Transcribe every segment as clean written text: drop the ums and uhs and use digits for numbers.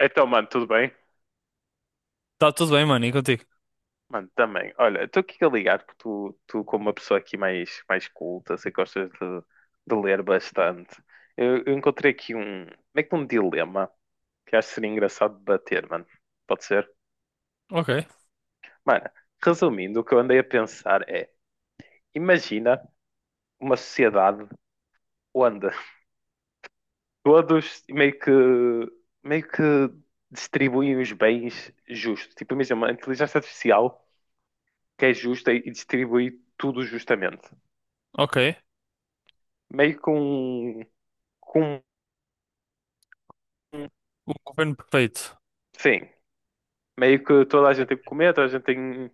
Então, mano, tudo bem? Tá tudo bem, mano, e contigo? Mano, também. Olha, estou aqui a ligar que tu, como uma pessoa aqui mais, mais culta, sei que gostas de ler bastante. Eu encontrei aqui um, como é que um dilema que acho que seria engraçado debater, mano. Pode ser? Ok, Mano, resumindo, o que eu andei a pensar é, imagina uma sociedade onde todos meio que distribuem os bens justos. Tipo, imagina uma inteligência artificial que é justa e distribui tudo justamente. ok. meio com, com O governo perfeito. sim, meio que toda a gente tem que comer, toda a gente tem,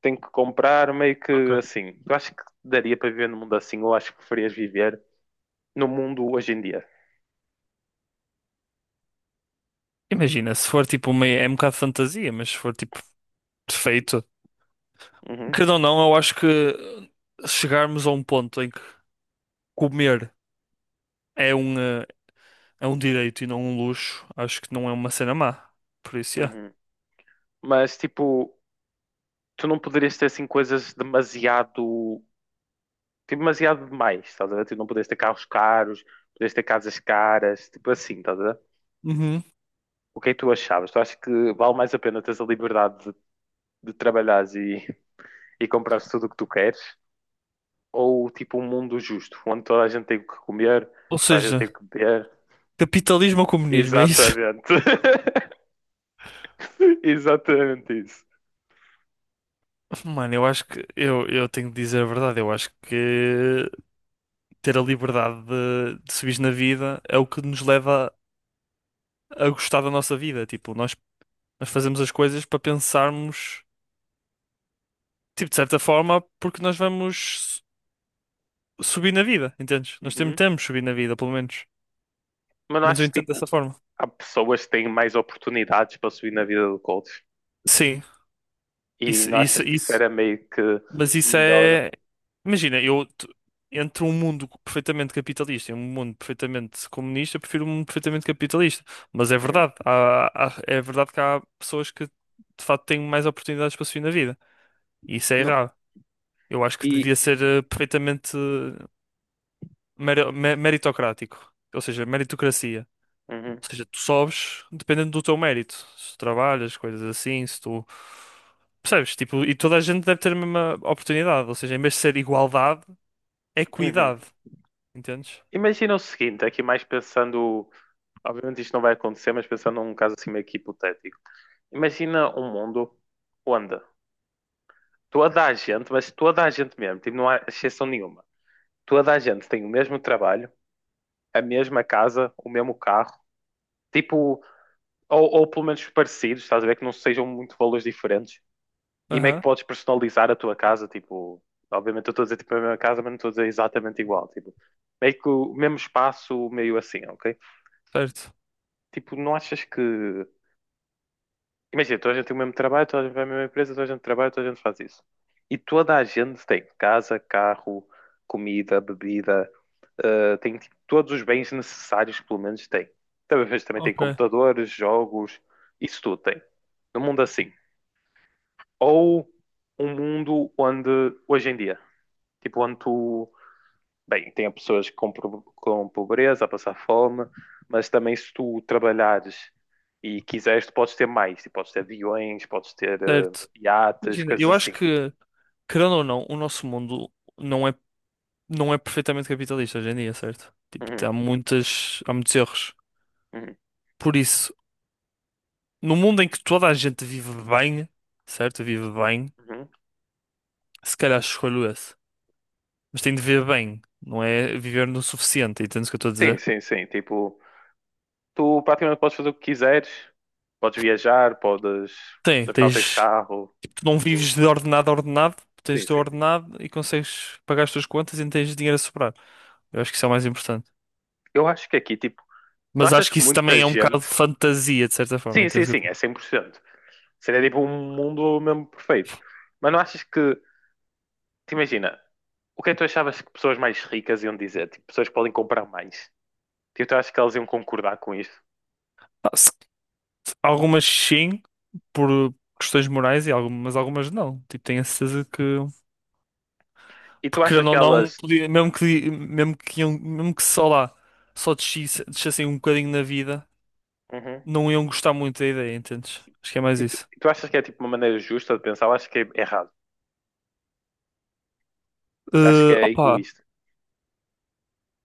tem que comprar, meio que Ok. assim. Eu acho que daria para viver num mundo assim, ou acho que preferias viver no mundo hoje em dia. Imagina, se for tipo uma. É um bocado de fantasia, mas se for tipo perfeito. Uhum, Querendo ou não, eu acho que chegarmos a um ponto em que comer é um, é um direito e não um luxo, acho que não é uma cena má. Por isso, é. uhum. Mas tipo, tu não poderias ter assim coisas demasiado, tipo, demasiado demais, estás a ver? Tu não poderias ter carros caros, poderias ter casas caras, tipo assim, estás a ver? Uhum. O que é que tu achavas? Tu achas que vale mais a pena teres a liberdade de trabalhares e comprares tudo o que tu queres? Ou tipo um mundo justo, onde toda a gente tem o que comer, Ou toda a gente tem o seja, que beber. capitalismo ou comunismo, é isso? Exatamente. Exatamente isso. Mano, eu acho que. Eu tenho de dizer a verdade, eu acho que ter a liberdade de subir na vida é o que nos leva a gostar da nossa vida. Tipo, nós fazemos as coisas para pensarmos, tipo, de certa forma, porque nós vamos subir na vida, entendes? Nós temos, Uhum. temos subir na vida, pelo menos. Mas não Menos eu achas que entendo dessa tipo, forma. há pessoas que têm mais oportunidades para subir na vida do coach? Sim, E isso, não achas isso, que isso isso. era meio que Mas isso melhor? é. Imagina, entre um mundo perfeitamente capitalista e um mundo perfeitamente comunista, eu prefiro um mundo perfeitamente capitalista. Mas é Hum. verdade, é verdade que há pessoas que de facto têm mais oportunidades para subir na vida. E isso é Não. errado. Eu acho que E devia ser perfeitamente meritocrático, ou seja, meritocracia. uhum, Ou seja, tu sobes dependendo do teu mérito. Se tu trabalhas, coisas assim, se tu. Percebes? Tipo, e toda a gente deve ter a mesma oportunidade. Ou seja, em vez de ser igualdade, é uhum. equidade. Entendes? Imagina o seguinte, aqui mais pensando. Obviamente isto não vai acontecer, mas pensando num caso assim meio que hipotético. Imagina um mundo onde toda a gente, mas toda a gente mesmo, tipo, não há exceção nenhuma. Toda a gente tem o mesmo trabalho, a mesma casa, o mesmo carro, tipo, ou pelo menos parecidos, estás a ver que não sejam muito valores diferentes. E meio que Aham, podes personalizar a tua casa? Tipo, obviamente eu estou a dizer tipo a mesma casa, mas não estou a dizer exatamente igual. Tipo, meio que o mesmo espaço, meio assim, ok? certo. Tipo, não achas que. Imagina, toda a gente tem o mesmo trabalho, toda a gente vai à mesma empresa, toda a gente trabalha, toda a gente faz isso. E toda a gente tem casa, carro, comida, bebida, tem tipo, todos os bens necessários, pelo menos tem. Talvez também tem Ok, computadores, jogos, isso tudo tem. Num mundo assim. Ou um mundo onde, hoje em dia, tipo, onde tu. Bem, tem pessoas com, com pobreza, a passar fome, mas também se tu trabalhares e quiseres, tu podes ter mais. Tu podes ter aviões, podes ter certo. iates, Imagina, coisas eu acho assim. que, querendo ou não, o nosso mundo não é, não é perfeitamente capitalista hoje em dia, certo? Tipo, Uhum, há muitas, há muitos erros. uhum, Por isso, no mundo em que toda a gente vive bem, certo? Vive bem. uhum. Se calhar escolho esse. Mas tem de ver bem, não é viver no suficiente, entendes o que eu estou a Sim, dizer? sim, sim. Tipo, tu praticamente podes fazer o que quiseres. Podes viajar, podes... Tem, No final tens tens. carro. Tu não Tudo. vives de ordenado a ordenado, tu tens Sim, de sim. ordenado e consegues pagar as tuas contas e não tens dinheiro a sobrar. Eu acho que isso é o mais importante. Eu acho que aqui, tipo, não Mas acho achas que que isso muita também é um bocado de gente... fantasia, de certa forma, Sim, sim, entendes o que sim, eu estou é cem por cento. Seria tipo um mundo mesmo perfeito. Mas não achas que... Te imagina... O que é que tu achavas que pessoas mais ricas iam dizer? Tipo, pessoas que podem comprar mais. Tipo, tu achas que elas iam concordar com isso? a dizer? Algumas sim, por questões morais, e algumas, mas algumas não. Tipo, tenho a certeza que. E tu Porque achas querendo que ou não, elas. podia, mesmo que só lá, descessem um bocadinho na vida. Uhum. Não iam gostar muito da ideia, entendes? Acho que é mais E tu, isso. e tu achas que é tipo uma maneira justa de pensar? Eu acho que é errado. Acho que Eh, é opa, egoísta.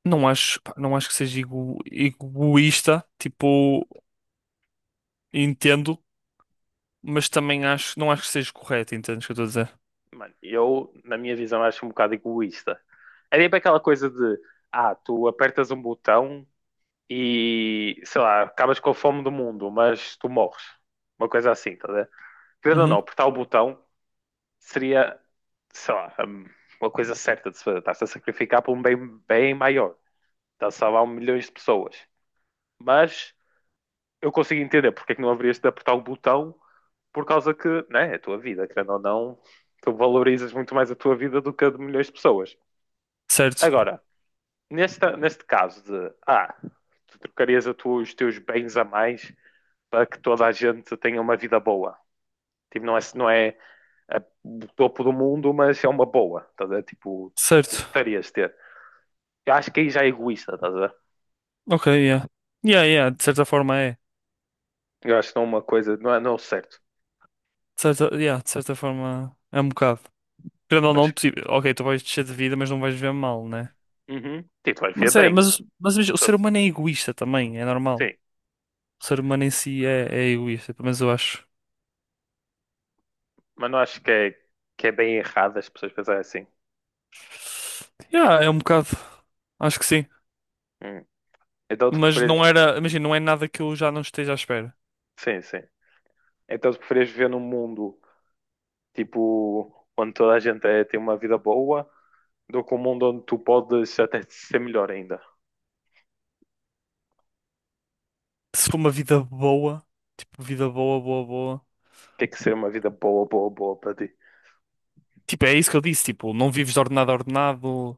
não acho, pá, não acho que seja egoísta, tipo, entendo, mas também acho, não acho que seja correto, entendes o que eu estou a dizer? Mano, eu, na minha visão, acho um bocado egoísta. É tipo aquela coisa de. Ah, tu apertas um botão e. Sei lá, acabas com a fome do mundo, mas tu morres. Uma coisa assim, tá a ver? Querendo ou Uhum. não, apertar o botão seria, sei lá, uma coisa certa de se fazer. Estás a sacrificar por um bem, bem maior. Estás a salvar milhões de pessoas. Mas eu consigo entender porque é que não haverias de apertar o botão por causa que, né, é a tua vida, querendo ou não, tu valorizas muito mais a tua vida do que a de milhões de pessoas. Certo, Agora, neste caso de, tu trocarias a os teus bens a mais para que toda a gente tenha uma vida boa. Tipo, não é é do topo do mundo, mas é uma boa, estás a ver? Tipo, tu certo. gostarias de ter. Eu acho que aí já é egoísta, estás a ver? Ok, yeah. Yeah, yeah, de certa forma é. Eu acho que não é uma coisa, não é certo. De certa, yeah, de certa forma é um bocado. Querendo ou não, Mas, tipo, ok, tu vais descer de vida, mas não vais viver mal, né? uhum, tipo, vai ver Mas é, bem. mas, mas, mas o Só- ser humano é egoísta também, é normal. Sim, O ser humano em si é egoísta, pelo menos eu acho. mas não acho que é bem errado as pessoas pensarem assim. Yeah, é um bocado. Acho que sim. Hum. Então tu Mas preferes, não era. Imagina, não é nada que eu já não esteja à espera. sim, sim. Então tu preferes viver num mundo, tipo, onde toda a gente tem uma vida boa, do que um mundo onde tu podes até ser melhor ainda. Se for uma vida boa, tipo, vida boa, boa, boa. Tem que ser uma vida boa, boa, boa para ti. Tipo, é isso que eu disse, tipo, não vives de ordenado a ordenado,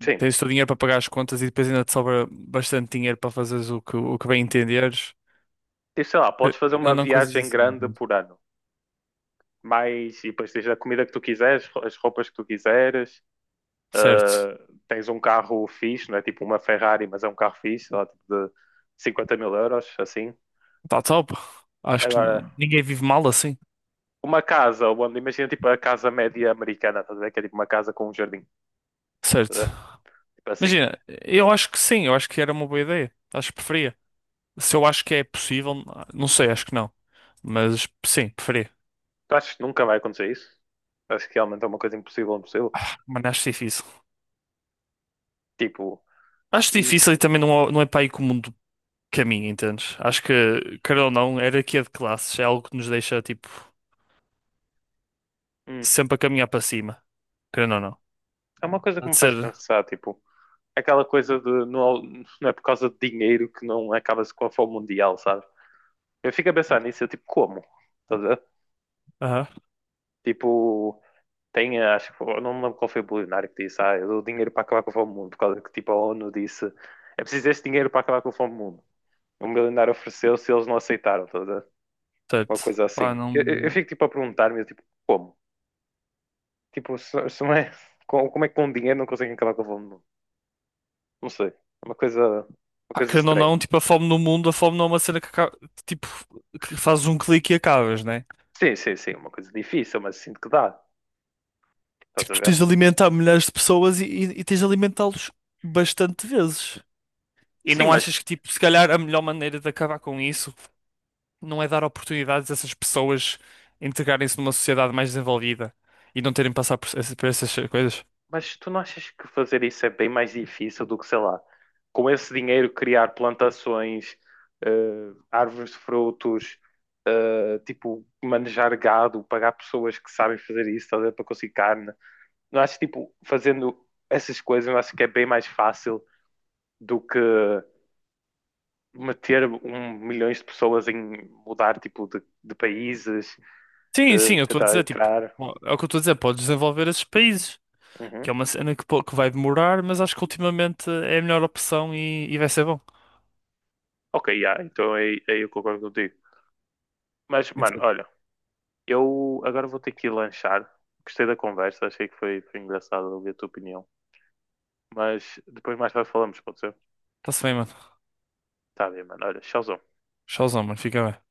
Sim. tens o teu dinheiro para pagar as contas e depois ainda te sobra bastante dinheiro para fazeres o que bem entenderes. E sei lá, Eh, podes fazer Não, uma não coisas viagem assim, grande pronto. por ano. Mas, e depois tens a comida que tu quiseres, as roupas que tu quiseres, Certo. uh, tens um carro fixe, não é tipo uma Ferrari, mas é um carro fixe, sei lá, tipo de 50 mil euros, assim. Tá top. Acho que Agora, ninguém vive mal assim. uma casa, onde, imagina tipo a casa média americana, estás a ver? Que é tipo uma casa com um jardim, tá a ver? Certo. Tipo assim. Imagina, eu acho que sim, eu acho que era uma boa ideia. Acho que preferia. Se eu acho que é possível, não sei, acho que não. Mas sim, preferia. Tu achas que nunca vai acontecer isso? Acho que realmente é uma coisa impossível, impossível. Mas acho difícil. Tipo, Acho hum, difícil e também não é para aí que o mundo caminha, entendes? Acho que, quer ou não, hierarquia de classes é algo que nos deixa, tipo, hum, sempre a caminhar para cima. Querendo ou não. é uma coisa que me Pode faz ser. pensar, tipo, aquela coisa de não, não é por causa de dinheiro que não acaba-se com a fome mundial, sabe? Eu fico a pensar nisso, eu tipo, como? Estás a ver? Aham. Tipo, tem, acho que, não me lembro qual foi o bilionário que disse, ah, eu dou dinheiro para acabar com a fome do mundo, por causa que, tipo, a ONU disse, é preciso este dinheiro para acabar com a fome do mundo. O milionário ofereceu-se e eles não aceitaram, estás a ver? Uma Certo. coisa Pá, assim. Eu, eu não. fico, tipo, a perguntar-me, eu, tipo, como? Tipo, se não é, como é que com dinheiro não conseguem acabar com a fome? Não, não sei. É uma coisa, uma Pá, coisa querendo ou estranha. não, tipo, a fome no mundo, a fome não é uma cena que acaba, tipo, que fazes um clique e acabas, né? Sim, sim, sim, uma coisa difícil, mas sinto que dá. Estás Tipo, a tu ver? tens de alimentar milhares de pessoas e tens de alimentá-los bastante vezes. E Sim, não achas que, tipo, se calhar a melhor maneira de acabar com isso não é dar oportunidades a essas pessoas integrarem-se numa sociedade mais desenvolvida e não terem de passar por, por essas coisas? mas tu não achas que fazer isso é bem mais difícil do que, sei lá, com esse dinheiro criar plantações, eh, árvores de frutos, tipo, manejar gado, pagar pessoas que sabem fazer isso, estás a ver, para conseguir carne. Não acho, tipo, fazendo essas coisas, eu acho que é bem mais fácil do que meter um milhões de pessoas em mudar tipo de países, Sim, sim, eu estou a tentar dizer, tipo, entrar. é o que eu estou a dizer, podes desenvolver esses países, que Uhum. é uma cena que, que vai demorar, mas acho que ultimamente é a melhor opção e vai ser bom. Ok, yeah, então aí eu concordo contigo. Mas, mano, Então, olha, eu agora vou ter que ir lanchar. Gostei da conversa, achei que foi engraçado ouvir a tua opinião. Mas depois mais tarde falamos, pode ser? tá se bem, mano. Tá bem, mano. Olha, tchauzão. Tchauzão, mano. Fica bem.